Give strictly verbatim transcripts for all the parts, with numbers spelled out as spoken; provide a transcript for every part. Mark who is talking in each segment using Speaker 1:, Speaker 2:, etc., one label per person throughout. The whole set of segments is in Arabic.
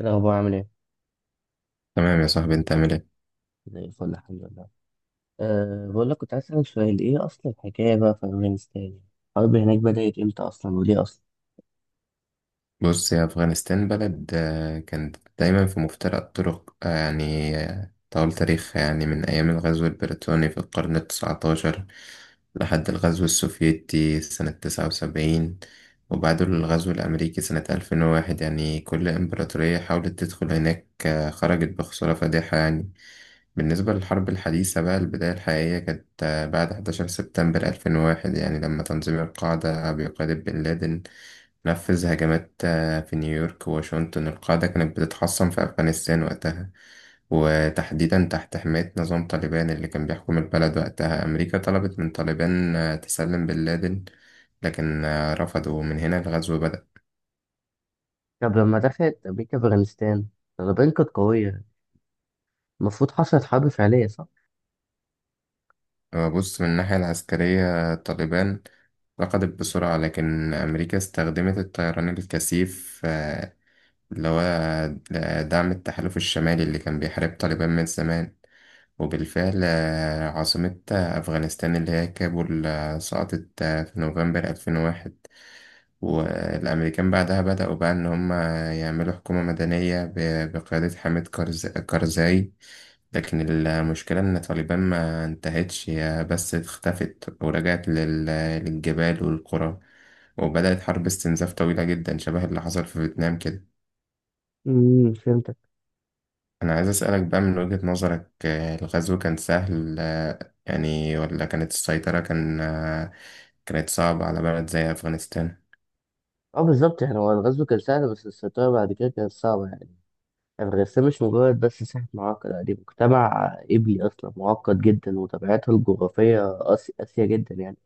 Speaker 1: إيه الأخبار عامل إيه؟
Speaker 2: تمام يا صاحبي، انت عامل ايه؟
Speaker 1: زي الفل الحمد لله. أه بقول لك كنت عايز أسألك سؤال، إيه أصل الحكاية بقى في أفغانستان؟ الحرب هناك بدأت إمتى أصلا وليه أصلا؟
Speaker 2: بص، يا افغانستان بلد آه، كانت دايما في مفترق الطرق، آه، يعني آه، طول تاريخها، يعني من ايام الغزو البريطاني في القرن التسعتاشر لحد الغزو السوفيتي سنة تسعة وسبعين، وبعده الغزو الامريكي سنة الفين وواحد. يعني كل امبراطورية حاولت تدخل هناك آه، خرجت بخسارة فادحة يعني. بالنسبة للحرب الحديثة بقى، البداية الحقيقية كانت آه، بعد حداشر سبتمبر ألفين وواحد، يعني لما تنظيم القاعدة بقيادة بن لادن نفذ هجمات آه، في نيويورك وواشنطن. القاعدة كانت بتتحصن في أفغانستان وقتها، وتحديدا تحت حماية نظام طالبان اللي كان بيحكم البلد وقتها. أمريكا طلبت من طالبان آه، تسلم بن لادن، لكن آه، رفضوا، ومن هنا الغزو بدأ.
Speaker 1: طب لما دخلت أمريكا أفغانستان، طالبان كانت قوية، المفروض حصلت حرب فعلية صح؟
Speaker 2: آه، بص، من الناحية العسكرية طالبان ركضت بسرعة، لكن أمريكا استخدمت الطيران الكثيف، آه، اللي هو آه، دعم التحالف الشمالي اللي كان بيحارب طالبان من زمان. وبالفعل آه، عاصمة آه، أفغانستان اللي هي كابول آه، سقطت آه، في نوفمبر ألفين وواحد. والأمريكان بعدها بدأوا بقى إن هم يعملوا حكومة مدنية ب- بقيادة حامد كارز- كارزاي. لكن المشكلة إن طالبان ما انتهتش، هي بس اختفت ورجعت لل- للجبال والقرى، وبدأت حرب استنزاف طويلة جدا، شبه اللي حصل في فيتنام كده.
Speaker 1: امم فهمتك.
Speaker 2: أنا عايز أسألك بقى، من وجهة نظرك آه، الغزو كان سهل آه، يعني، ولا كانت السيطرة كان آه، كانت صعبة على بلد زي أفغانستان؟
Speaker 1: أه بالظبط، يعني هو الغزو كان سهل بس السيطرة بعد كده كانت صعبة يعني. أفغانستان مش مجرد بس ساحة معقدة، لا، دي مجتمع إبلي أصلا معقد جدا وطبيعته الجغرافية قاسية جدا يعني.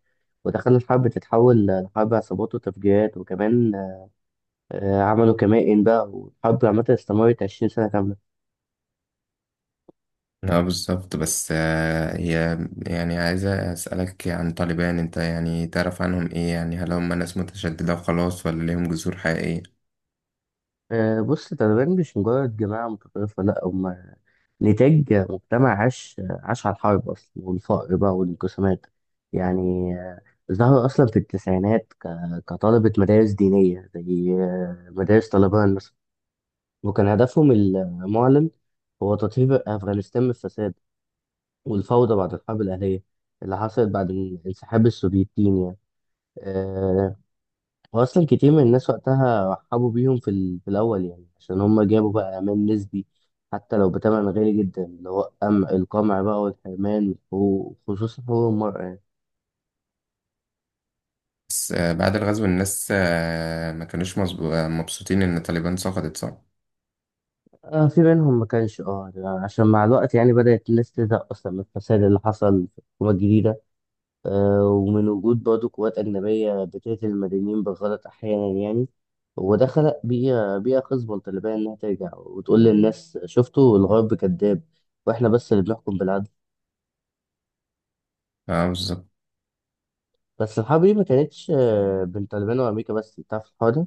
Speaker 1: ودخل الحرب تتحول لحرب عصابات وتفجيرات وكمان آه، عملوا كمائن بقى، والحرب عامة استمرت عشرين سنة كاملة.
Speaker 2: لا بالظبط، بس آه، هي يعني عايزة أسألك عن طالبان. أنت يعني تعرف عنهم إيه؟ يعني هل هم ناس متشددة وخلاص، ولا ليهم جذور حقيقية؟
Speaker 1: آه، بص، التaliban مش مجرد جماعة متطرفة، لأ، هما نتاج مجتمع عاش عاش على الحرب أصلا، والفقر بقى والانقسامات. يعني آه، ظهر أصلا في التسعينات ك- كطلبة مدارس دينية زي آه، مدارس طالبان مثلا. وكان هدفهم المعلن هو تطهير أفغانستان من الفساد والفوضى بعد الحرب الأهلية اللي حصلت بعد انسحاب السوفيتين يعني. واصلا كتير من الناس وقتها رحبوا بيهم في, ال... في الاول يعني، عشان هم جابوا بقى امان نسبي حتى لو بتمن غالي جدا، اللي هو أم... القمع بقى والحرمان وخصوصا حقوق المرأة يعني.
Speaker 2: بس آه، بعد الغزو الناس آه، ما كانوش مظبو- آه، مبسوطين إن طالبان سقطت، صح؟
Speaker 1: آه، في منهم ما كانش، اه عشان مع الوقت يعني بدأت الناس تزهق اصلا من الفساد اللي حصل في الحكومة الجديدة، آه، ومن وجود برضه قوات أجنبية بتقتل المدنيين بالغلط أحيانا يعني. وده خلق بيئة بيئة خصبة للطالبان، إنها ترجع وتقول للناس، شفتوا الغرب كذاب وإحنا بس اللي بنحكم بالعدل.
Speaker 2: اه بالظبط.
Speaker 1: بس الحرب دي ما كانتش آه، بين طالبان وامريكا بس، انت عارف الحوار ده.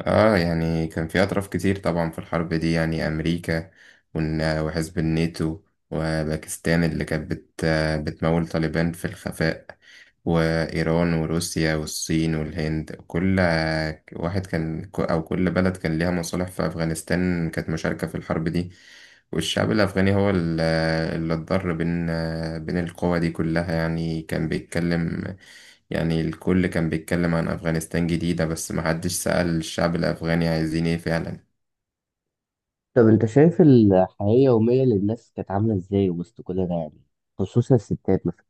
Speaker 2: اه، يعني كان في اطراف كتير طبعا في الحرب دي. يعني امريكا ون- وحزب الناتو، وباكستان اللي كانت بت بتمول طالبان في الخفاء، وايران وروسيا والصين والهند. كل واحد كان او كل بلد كان ليها مصالح في افغانستان، كانت مشاركة في الحرب دي. والشعب الافغاني هو ال- اللي اتضر بين بين القوى دي كلها. يعني كان بيتكلم يعني الكل كان بيتكلم عن أفغانستان جديدة، بس محدش سأل الشعب الأفغاني عايزين إيه فعلا.
Speaker 1: طب انت شايف الحياه اليوميه للناس كانت عامله ازاي وسط كل ده يعني، خصوصا الستات مثلا؟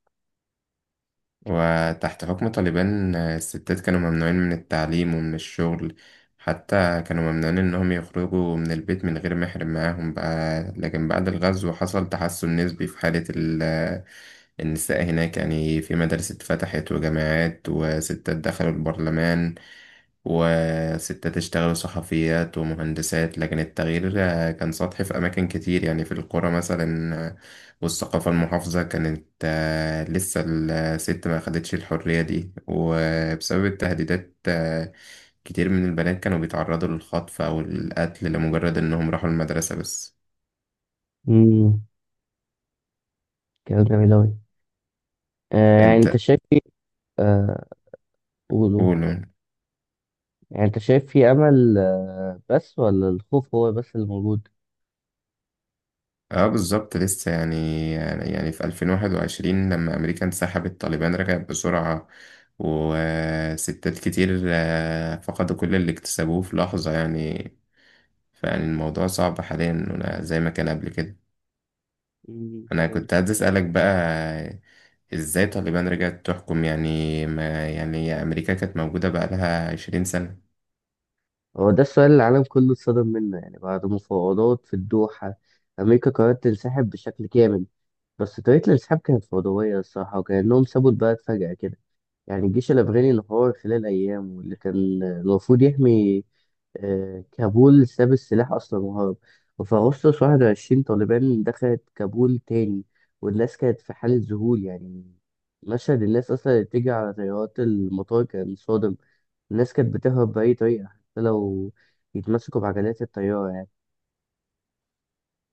Speaker 2: وتحت حكم طالبان آه، الستات كانوا ممنوعين من التعليم ومن الشغل، حتى كانوا ممنوعين إنهم يخرجوا من البيت من غير محرم معاهم بقى. لكن بعد الغزو حصل تحسن نسبي في حالة ال- آه، النساء هناك، يعني في مدارس اتفتحت وجامعات، وستات دخلوا البرلمان، وستات اشتغلوا صحفيات ومهندسات. لكن التغيير آه، كان سطحي في أماكن كتير، يعني في القرى مثلا آه، والثقافة المحافظة كانت آه، لسه الست ما أخدتش الحرية دي. وبسبب التهديدات آه، كتير من البنات كانوا بيتعرضوا للخطف أو القتل لمجرد إنهم راحوا المدرسة بس.
Speaker 1: امم كلام جميل أوي. آه، يعني انت
Speaker 2: أنت
Speaker 1: شايف في، آه، قول قول.
Speaker 2: قول.
Speaker 1: يعني انت شايف في امل آه بس، ولا الخوف هو بس اللي موجود؟
Speaker 2: اه بالظبط، لسه يعني يعني يعني في ألفين وواحد وعشرين لما أمريكا انسحبت، طالبان رجعت بسرعة، وستات كتير آه، فقدوا كل اللي اكتسبوه في لحظة يعني. فيعني الموضوع صعب حاليا، ولا زي ما كان قبل كده.
Speaker 1: امم
Speaker 2: أنا
Speaker 1: فهمت.
Speaker 2: كنت عايز أسألك بقى، إزاي طالبان رجعت تحكم؟ يعني ما يعني أمريكا كانت موجودة بقالها 20 سنة.
Speaker 1: هو ده السؤال اللي العالم كله اتصدم منه. يعني بعد مفاوضات في الدوحة، امريكا قررت تنسحب بشكل كامل. بس طريقة الانسحاب كانت فوضوية الصراحة، وكأنهم سابوا البلد فجأة كده. يعني الجيش الأفغاني انهار خلال أيام، واللي كان المفروض يحمي آه، كابول ساب السلاح أصلا وهرب. وفي أغسطس واحد وعشرين، طالبان دخلت كابول تاني، والناس كانت في حالة ذهول يعني. مشهد الناس أصلا اللي بتيجي على طيارات المطار كان صادم. الناس كانت بتهرب بأي طريقة، حتى لو يتمسكوا بعجلات الطيارة يعني.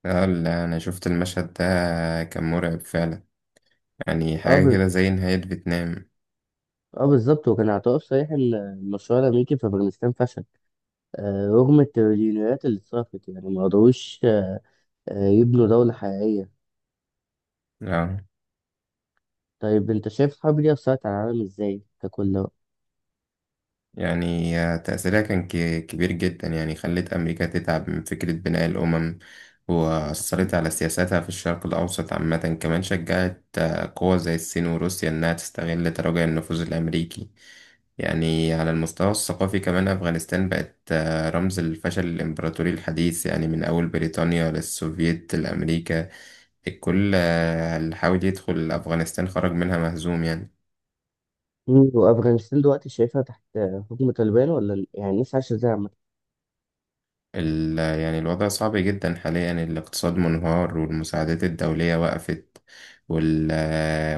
Speaker 2: اه لا، أنا شفت المشهد ده، كان مرعب فعلا، يعني
Speaker 1: اه
Speaker 2: حاجة
Speaker 1: بز-
Speaker 2: كده زي نهاية فيتنام.
Speaker 1: اه بالظبط، وكان اعتراف صريح ان المشروع الامريكي في افغانستان فشل. آه، رغم التريليونات اللي اتصرفت يعني ما قدروش آه، يبنوا دولة حقيقية.
Speaker 2: اه،
Speaker 1: طيب أنت شايف الحرب دي أثرت على العالم إزاي ككل بقى؟
Speaker 2: يعني تأثيرها كان ك- كبير جدا، يعني خلت أمريكا تتعب من فكرة بناء الأمم، وأثرت على سياساتها في الشرق الأوسط عامة. كمان شجعت آه، قوى زي الصين وروسيا إنها تستغل تراجع النفوذ الأمريكي. يعني على المستوى الثقافي كمان، أفغانستان بقت آه، رمز الفشل الإمبراطوري الحديث، يعني من أول بريطانيا للسوفييت لأمريكا، الكل آه، اللي حاول يدخل أفغانستان خرج منها مهزوم يعني.
Speaker 1: مم، وأفغانستان دلوقتي شايفها تحت آه، حكم طالبان، ولا ال- يعني الناس عايشة إزاي عامة؟
Speaker 2: ال- يعني الوضع صعب جدا حاليا، الاقتصاد منهار، والمساعدات الدولية وقفت، وال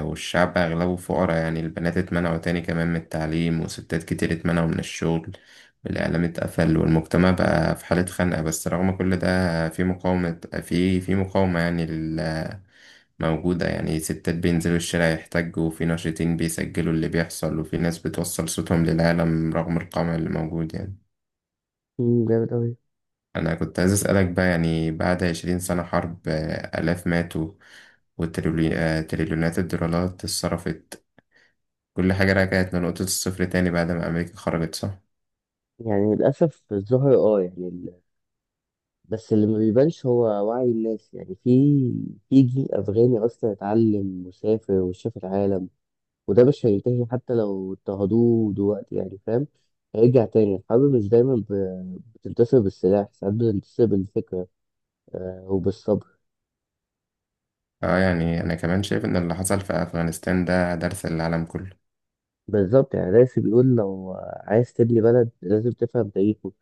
Speaker 2: والشعب أغلبه فقراء يعني. البنات اتمنعوا تاني كمان من التعليم، وستات كتير اتمنعوا من الشغل، والإعلام اتقفل، والمجتمع بقى في حالة خنقة. بس رغم كل ده في مقاومة، في في مقاومة يعني ال- موجودة. يعني ستات بينزلوا الشارع يحتجوا، وفي ناشطين بيسجلوا اللي بيحصل، وفي ناس بتوصل صوتهم للعالم رغم القمع اللي موجود يعني.
Speaker 1: مم، جامد أوي.
Speaker 2: أنا كنت عايز أسألك بقى، يعني بعد عشرين سنة حرب، آه، آلاف ماتوا، وتريليونات الدولارات اتصرفت، كل حاجة رجعت لنقطة الصفر تاني بعد ما أمريكا خرجت، صح؟
Speaker 1: يعني للأسف الظاهر أه، يعني ال... بس اللي ما بيبانش هو وعي الناس، يعني في في جيل أفغاني أصلا اتعلم وسافر وشاف العالم، وده مش هينتهي حتى لو اضطهدوه دلوقتي، يعني فاهم. هيرجع تاني. الحرب مش دايما ب... بتنتصر بالسلاح، ساعات بتنتصر بالفكرة، آه، وبالصبر.
Speaker 2: اه يعني أنا كمان شايف إن اللي حصل في أفغانستان ده درس للعالم كله.
Speaker 1: بالظبط، يعني راسي بيقول لو عايز تبني بلد لازم تفهم تاريخه،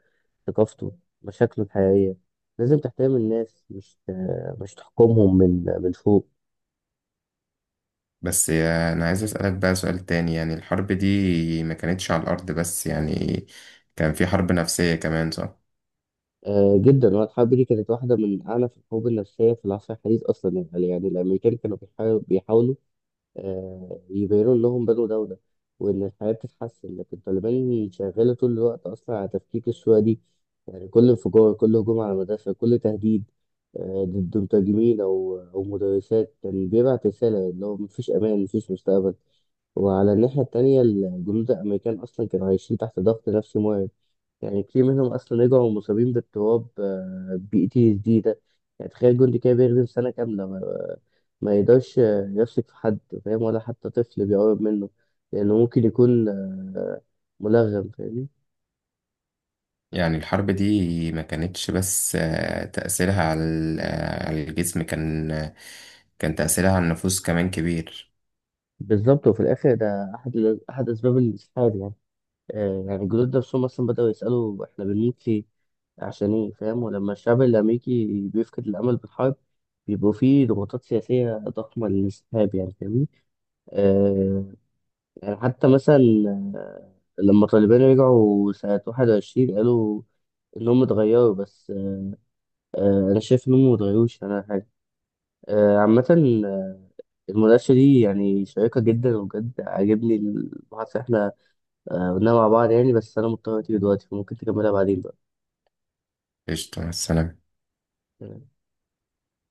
Speaker 1: ثقافته، مشاكله الحقيقية. لازم تحترم الناس، مش مش تحكمهم من من فوق.
Speaker 2: بس آه، أنا عايز أسألك بقى سؤال تاني. يعني الحرب دي ما كانتش على الأرض بس يعني، كان في حرب نفسية كمان، صح؟
Speaker 1: آه جدا، هو الحرب دي كانت واحدة من أعنف الحروب النفسية في العصر الحديث أصلا. يعني يعني الأمريكان كانوا بيحاولوا آه، يبينوا لهم بدو ده وده، وإن الحياة بتتحسن، لكن طالبان شغالة طول الوقت أصلا على تفكيك الشوية دي. يعني كل انفجار كل هجوم على المدرسة كل تهديد آه، ضد مترجمين أو أو مدرسات كان بيبعت رسالة، اللي هو مفيش أمان مفيش مستقبل. وعلى الناحية التانية الجنود الأمريكان أصلا كانوا عايشين تحت ضغط نفسي مرعب. يعني كتير منهم اصلا رجعوا مصابين باضطراب آه، بي تي اس دي ده. يعني تخيل جندي كده بيخدم سنه كامله ما, ما يقدرش آه، يثق في حد، فاهم، ولا حتى طفل بيقرب منه، لانه ممكن يكون آه، ملغم، فاهمني.
Speaker 2: يعني الحرب دي ما كانتش بس آه، تأثيرها على ال- آه، على الجسم كان آه، كان تأثيرها على النفوس كمان كبير.
Speaker 1: بالظبط، وفي الاخر ده احد ال- احد اسباب الانسحاب يعني. آه، يعني الجنود نفسهم اصلا بداوا يسالوا احنا بنموت ليه، عشان ايه، فاهم. ولما الشعب الامريكي بيفقد الامل بالحرب بيبقوا فيه ضغوطات سياسيه ضخمه للانسحاب، يعني فاهمني. آه، يعني حتى مثلا آه، لما طالبان رجعوا سنة واحد وعشرين، قالوا إنهم اتغيروا، بس آه، أنا شايف إنهم متغيروش ولا حاجة. آه، عامة، آه، المناقشة دي يعني شيقة جدا وبجد عاجبني المحادثة اللي إحنا آه، قلناها مع بعض، يعني بس أنا مضطر أتيجي دلوقتي، فممكن تكملها بعدين
Speaker 2: قشطة، مع السلامة.
Speaker 1: بقى.